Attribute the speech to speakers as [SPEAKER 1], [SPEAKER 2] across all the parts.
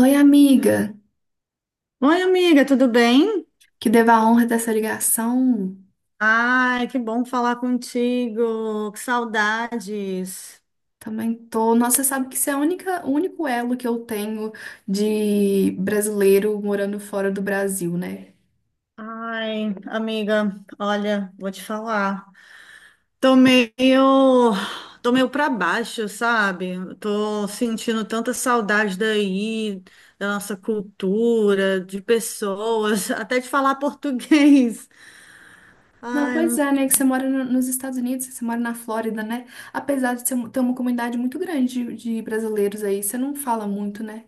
[SPEAKER 1] Oi, amiga,
[SPEAKER 2] Oi, amiga, tudo bem?
[SPEAKER 1] que devo a honra dessa ligação.
[SPEAKER 2] Ai, que bom falar contigo, que saudades.
[SPEAKER 1] Também tô. Nossa, você sabe que isso é o único elo que eu tenho de brasileiro morando fora do Brasil, né?
[SPEAKER 2] Ai, amiga, olha, vou te falar. Tô meio, Tô meio pra baixo, sabe? Tô sentindo tanta saudade daí, da nossa cultura, de pessoas, até de falar português.
[SPEAKER 1] Não,
[SPEAKER 2] Ai.
[SPEAKER 1] pois é, né? Que você mora nos Estados Unidos, você mora na Flórida, né? Apesar de ter uma comunidade muito grande de brasileiros aí, você não fala muito, né?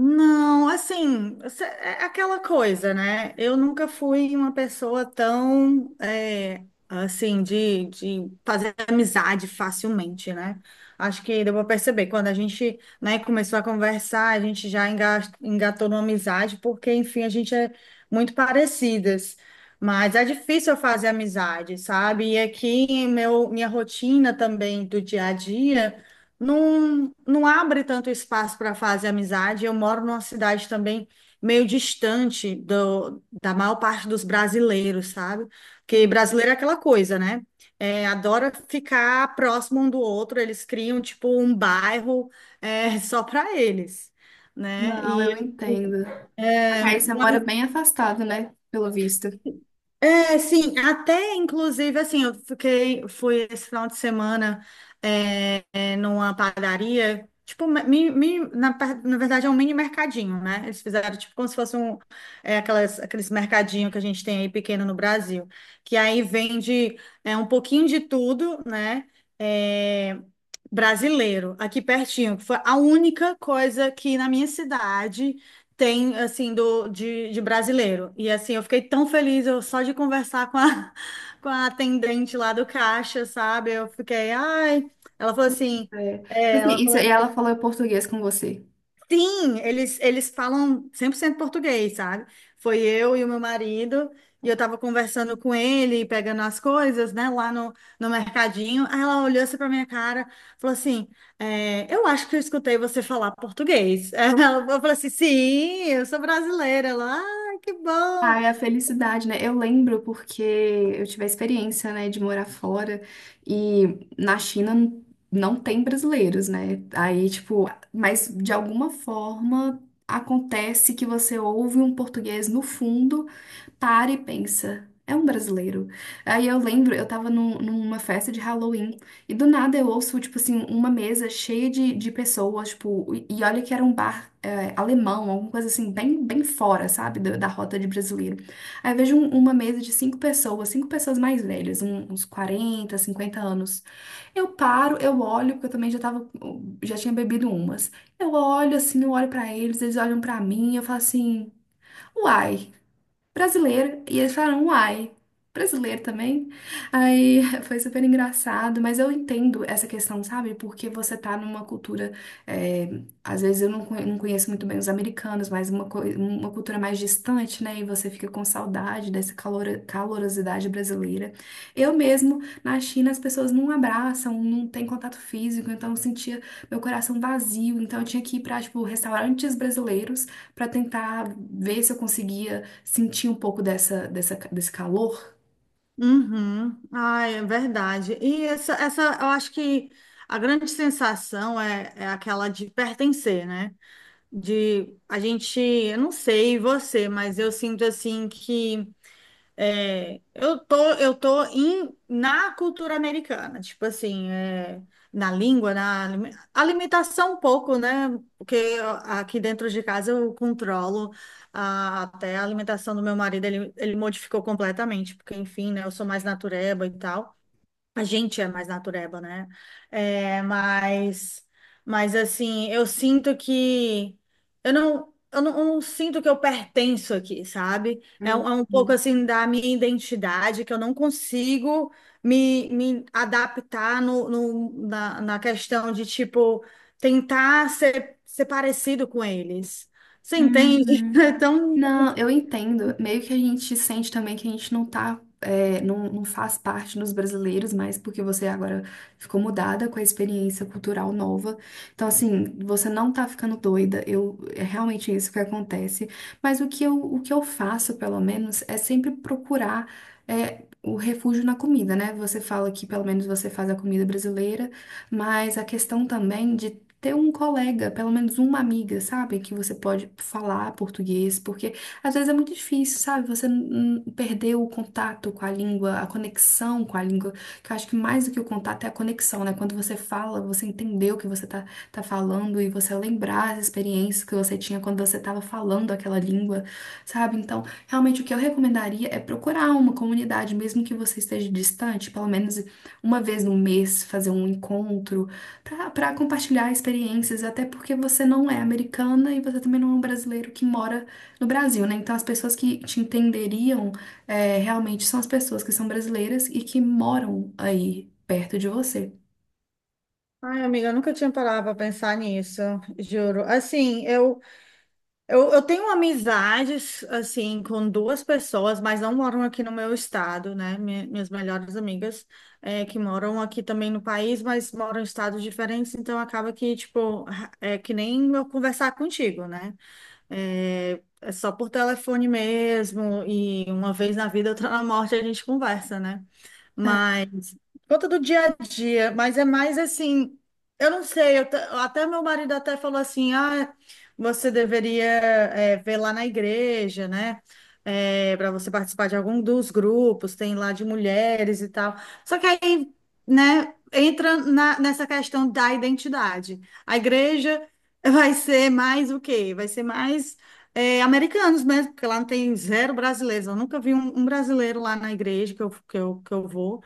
[SPEAKER 2] Não, assim, é aquela coisa, né? Eu nunca fui uma pessoa tão, assim, de fazer amizade facilmente, né? Acho que deu para perceber, quando a gente, né, começou a conversar, a gente já engatou numa amizade, porque, enfim, a gente é muito parecidas. Mas é difícil eu fazer amizade, sabe? E aqui, minha rotina também do dia a dia não abre tanto espaço para fazer amizade. Eu moro numa cidade também meio distante da maior parte dos brasileiros, sabe? Porque brasileiro é aquela coisa, né? Adora ficar próximo um do outro, eles criam tipo um bairro só para eles, né?
[SPEAKER 1] Não, eu
[SPEAKER 2] E.
[SPEAKER 1] entendo. Só que aí você mora bem afastado, né? Pelo visto.
[SPEAKER 2] Sim, até inclusive assim, fui esse final de semana numa padaria, tipo, na verdade é um mini mercadinho, né? Eles fizeram tipo como se fosse um, aqueles mercadinho que a gente tem aí pequeno no Brasil, que aí vende um pouquinho de tudo, né? É, Brasileiro, aqui pertinho, que foi a única coisa que na minha cidade tem, assim, de brasileiro. E, assim, eu fiquei tão feliz eu, só de conversar com a, com a atendente lá do caixa, sabe? Eu fiquei, ai. Ela falou assim.
[SPEAKER 1] É. Tipo assim, e ela falou português com você.
[SPEAKER 2] Sim, eles falam 100% português, sabe? Foi eu e o meu marido, e eu tava conversando com ele, pegando as coisas, né, lá no mercadinho. Aí ela olhou assim pra minha cara, falou assim: Eu acho que eu escutei você falar português. Eu falei assim: Sim, eu sou brasileira. Ela, ah, que bom.
[SPEAKER 1] Ah, é a felicidade, né? Eu lembro porque eu tive a experiência, né, de morar fora e na China não tem brasileiros, né? Aí, tipo, mas de alguma forma acontece que você ouve um português no fundo, para e pensa. É um brasileiro. Aí eu lembro, eu tava numa festa de Halloween e do nada eu ouço, tipo assim, uma mesa cheia de pessoas, tipo, e olha que era um bar alemão, alguma coisa assim, bem, bem fora, sabe, da rota de brasileiro. Aí eu vejo uma mesa de cinco pessoas mais velhas, uns 40, 50 anos. Eu paro, eu olho, porque eu também já tinha bebido umas. Eu olho assim, eu olho pra eles, eles olham pra mim, eu falo assim, uai, brasileiro. E eles falaram, uai, brasileiro também? Aí foi super engraçado, mas eu entendo essa questão, sabe? Porque você tá numa cultura, é, às vezes eu não conheço muito bem os americanos, mas uma cultura mais distante, né? E você fica com saudade dessa calorosidade brasileira. Eu mesmo, na China, as pessoas não abraçam, não tem contato físico, então eu sentia meu coração vazio, então eu tinha que ir pra, tipo, restaurantes brasileiros pra tentar ver se eu conseguia sentir um pouco desse calor.
[SPEAKER 2] Uhum. Ai, é verdade. E eu acho que a grande sensação é aquela de pertencer, né? De a gente, eu não sei você, mas eu sinto assim que eu tô na cultura americana, tipo assim, na língua, na alimentação um pouco, né? Porque aqui dentro de casa eu controlo até a alimentação do meu marido, ele modificou completamente, porque enfim, né? Eu sou mais natureba e tal. A gente é mais natureba, né? É, mas, mas assim, eu sinto que eu não sinto que eu pertenço aqui, sabe? Um é um pouco
[SPEAKER 1] Uhum.
[SPEAKER 2] assim da minha identidade que eu não consigo me adaptar na questão de tipo tentar ser parecido com eles. Você entende?
[SPEAKER 1] Uhum.
[SPEAKER 2] É tão.
[SPEAKER 1] Não, eu entendo. Meio que a gente sente também que a gente não tá, não faz parte dos brasileiros mais, porque você agora ficou mudada com a experiência cultural nova. Então, assim, você não tá ficando doida. É realmente isso que acontece. Mas o que eu faço, pelo menos, é sempre procurar, o refúgio na comida, né? Você fala que pelo menos você faz a comida brasileira, mas a questão também de ter um colega, pelo menos uma amiga, sabe? Que você pode falar português, porque às vezes é muito difícil, sabe? Você perdeu o contato com a língua, a conexão com a língua, que eu acho que mais do que o contato é a conexão, né? Quando você fala, você entendeu o que você tá falando, e você lembrar as experiências que você tinha quando você estava falando aquela língua, sabe? Então, realmente o que eu recomendaria é procurar uma comunidade, mesmo que você esteja distante, pelo menos uma vez no mês, fazer um encontro para compartilhar experiências, até porque você não é americana e você também não é um brasileiro que mora no Brasil, né? Então as pessoas que te entenderiam, realmente são as pessoas que são brasileiras e que moram aí perto de você.
[SPEAKER 2] Ai, amiga, eu nunca tinha parado para pensar nisso, juro. Assim, eu tenho amizades, assim, com duas pessoas, mas não moram aqui no meu estado, né? Minhas melhores amigas, que moram aqui também no país, mas moram em estados diferentes, então acaba que, tipo, é que nem eu conversar contigo, né? É só por telefone mesmo, e uma vez na vida, outra na morte, a gente conversa, né?
[SPEAKER 1] É.
[SPEAKER 2] Mas conta do dia a dia, mas é mais assim, eu não sei, até meu marido até falou assim, ah, você deveria ver lá na igreja, né? Para você participar de algum dos grupos, tem lá de mulheres e tal. Só que aí, né, entra nessa questão da identidade. A igreja vai ser mais o quê? Vai ser mais americanos mesmo, porque lá não tem zero brasileiros. Eu nunca vi um brasileiro lá na igreja que eu vou.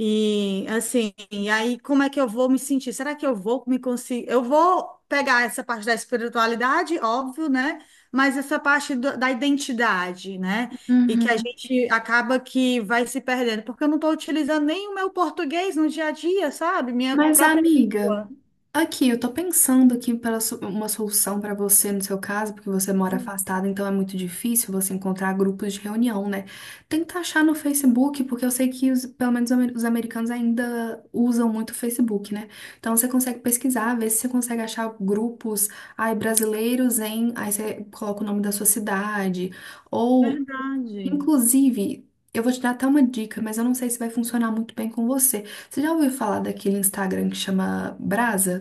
[SPEAKER 2] E assim, e aí como é que eu vou me sentir? Será que eu vou me conseguir? Eu vou pegar essa parte da espiritualidade, óbvio, né? Mas essa parte da identidade, né? E que a
[SPEAKER 1] Uhum.
[SPEAKER 2] gente acaba que vai se perdendo, porque eu não estou utilizando nem o meu português no dia a dia, sabe? Minha
[SPEAKER 1] Mas,
[SPEAKER 2] própria
[SPEAKER 1] amiga,
[SPEAKER 2] língua.
[SPEAKER 1] aqui eu tô pensando aqui para uma solução para você no seu caso, porque você mora
[SPEAKER 2] Hum.
[SPEAKER 1] afastada, então é muito difícil você encontrar grupos de reunião, né? Tenta achar no Facebook, porque eu sei que pelo menos os americanos ainda usam muito o Facebook, né? Então você consegue pesquisar, ver se você consegue achar grupos, ai, brasileiros em, aí você coloca o nome da sua cidade, ou.
[SPEAKER 2] Verdade.
[SPEAKER 1] Inclusive, eu vou te dar até uma dica, mas eu não sei se vai funcionar muito bem com você. Você já ouviu falar daquele Instagram que chama Brasa?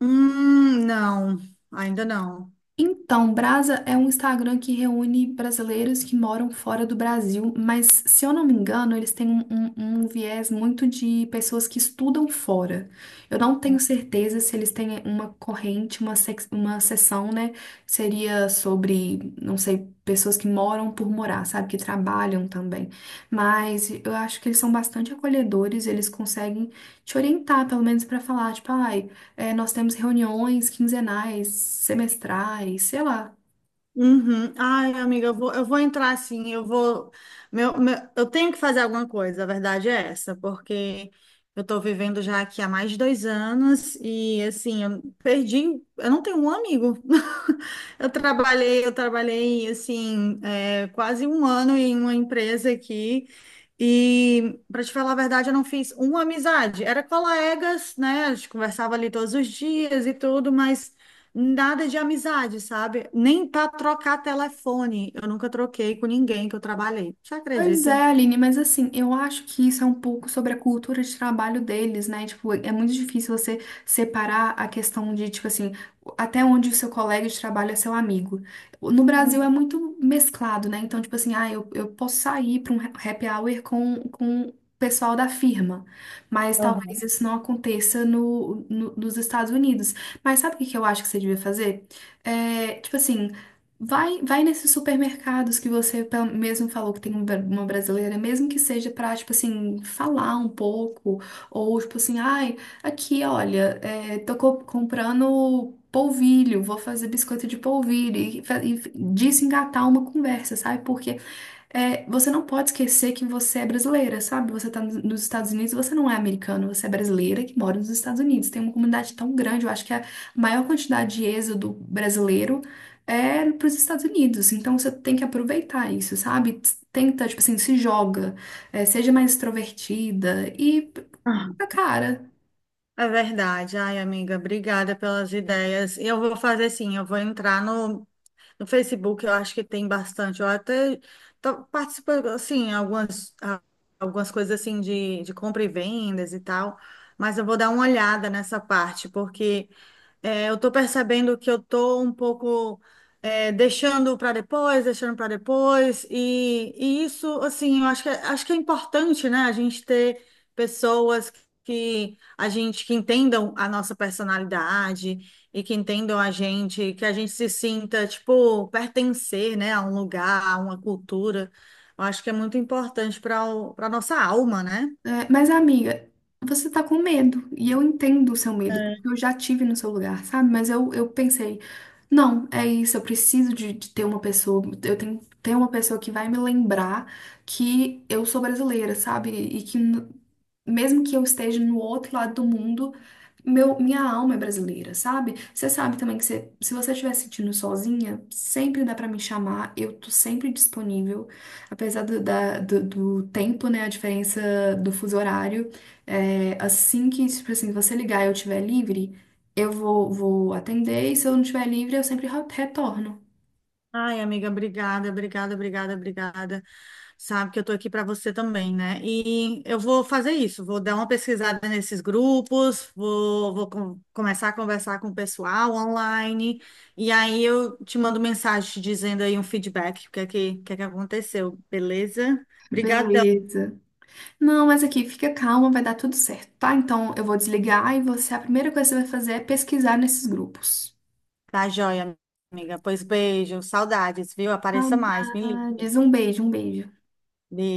[SPEAKER 2] Não, ainda não.
[SPEAKER 1] Então, Brasa é um Instagram que reúne brasileiros que moram fora do Brasil, mas se eu não me engano, eles têm um viés muito de pessoas que estudam fora. Eu não tenho certeza se eles têm uma corrente, uma seção, né? Seria sobre, não sei, pessoas que moram por morar, sabe? Que trabalham também. Mas eu acho que eles são bastante acolhedores, eles conseguem te orientar, pelo menos, para falar, tipo, ai. É, nós temos reuniões quinzenais, semestrais, sei lá.
[SPEAKER 2] Uhum. Ai, amiga, eu vou entrar assim, eu vou. Eu tenho que fazer alguma coisa, a verdade é essa, porque eu tô vivendo já aqui há mais de 2 anos e assim, eu não tenho um amigo. Eu trabalhei assim, quase um ano em uma empresa aqui. E, para te falar a verdade, eu não fiz uma amizade. Era colegas, né? A gente conversava ali todos os dias e tudo, mas nada de amizade, sabe? Nem para trocar telefone. Eu nunca troquei com ninguém que eu trabalhei. Você
[SPEAKER 1] Pois
[SPEAKER 2] acredita?
[SPEAKER 1] é, Aline, mas assim, eu acho que isso é um pouco sobre a cultura de trabalho deles, né? Tipo, é muito difícil você separar a questão de, tipo assim, até onde o seu colega de trabalho é seu amigo. No Brasil é muito mesclado, né? Então, tipo assim, ah, eu posso sair para um happy hour com o pessoal da firma, mas talvez
[SPEAKER 2] Uhum.
[SPEAKER 1] isso não aconteça nos Estados Unidos. Mas sabe o que que eu acho que você devia fazer? É, tipo assim. Vai, vai nesses supermercados que você mesmo falou que tem uma brasileira, mesmo que seja pra, tipo assim, falar um pouco, ou tipo assim, ai, aqui, olha, tô comprando polvilho, vou fazer biscoito de polvilho, e desengatar uma conversa, sabe? Porque você não pode esquecer que você é brasileira, sabe? Você tá nos Estados Unidos, você não é americano, você é brasileira que mora nos Estados Unidos. Tem uma comunidade tão grande, eu acho que é a maior quantidade de êxodo brasileiro é para os Estados Unidos. Então você tem que aproveitar isso, sabe? Tenta, tipo assim, se joga, seja mais extrovertida e
[SPEAKER 2] Ah,
[SPEAKER 1] a cara.
[SPEAKER 2] é verdade. Ai, amiga, obrigada pelas ideias. Eu vou fazer assim, eu vou entrar no Facebook, eu acho que tem bastante. Eu até tô participando, assim, algumas coisas assim de compra e vendas e tal, mas eu vou dar uma olhada nessa parte, porque eu tô percebendo que eu tô um pouco deixando para depois, e isso, assim, eu acho que é importante, né, a gente ter pessoas que a gente que entendam a nossa personalidade e que entendam a gente, que a gente se sinta, tipo, pertencer, né, a um lugar, a uma cultura. Eu acho que é muito importante para nossa alma, né?
[SPEAKER 1] É, mas, amiga, você tá com medo. E eu entendo o seu medo, porque eu já tive no seu lugar, sabe? Mas eu pensei, não, é isso, eu preciso de ter uma pessoa, eu tenho que ter uma pessoa que vai me lembrar que eu sou brasileira, sabe? E que mesmo que eu esteja no outro lado do mundo, minha alma é brasileira, sabe? Você sabe também que se você estiver se sentindo sozinha, sempre dá pra me chamar, eu tô sempre disponível, apesar do tempo, né, a diferença do fuso horário, assim que, tipo assim, você ligar e eu estiver livre, eu vou atender, e se eu não estiver livre, eu sempre retorno.
[SPEAKER 2] Ai, amiga, obrigada, obrigada, obrigada, obrigada. Sabe que eu tô aqui para você também, né? E eu vou fazer isso, vou dar uma pesquisada nesses grupos, começar a conversar com o pessoal online, e aí eu te mando mensagem te dizendo aí um feedback, o que é que aconteceu, beleza? Obrigadão.
[SPEAKER 1] Beleza. Não, mas aqui, fica calma, vai dar tudo certo, tá? Então eu vou desligar e você, a primeira coisa que você vai fazer é pesquisar nesses grupos.
[SPEAKER 2] Tá joia, amiga. Pois beijo, saudades, viu? Apareça mais, me ligue.
[SPEAKER 1] Saudades. Um beijo, um beijo.
[SPEAKER 2] Beijo.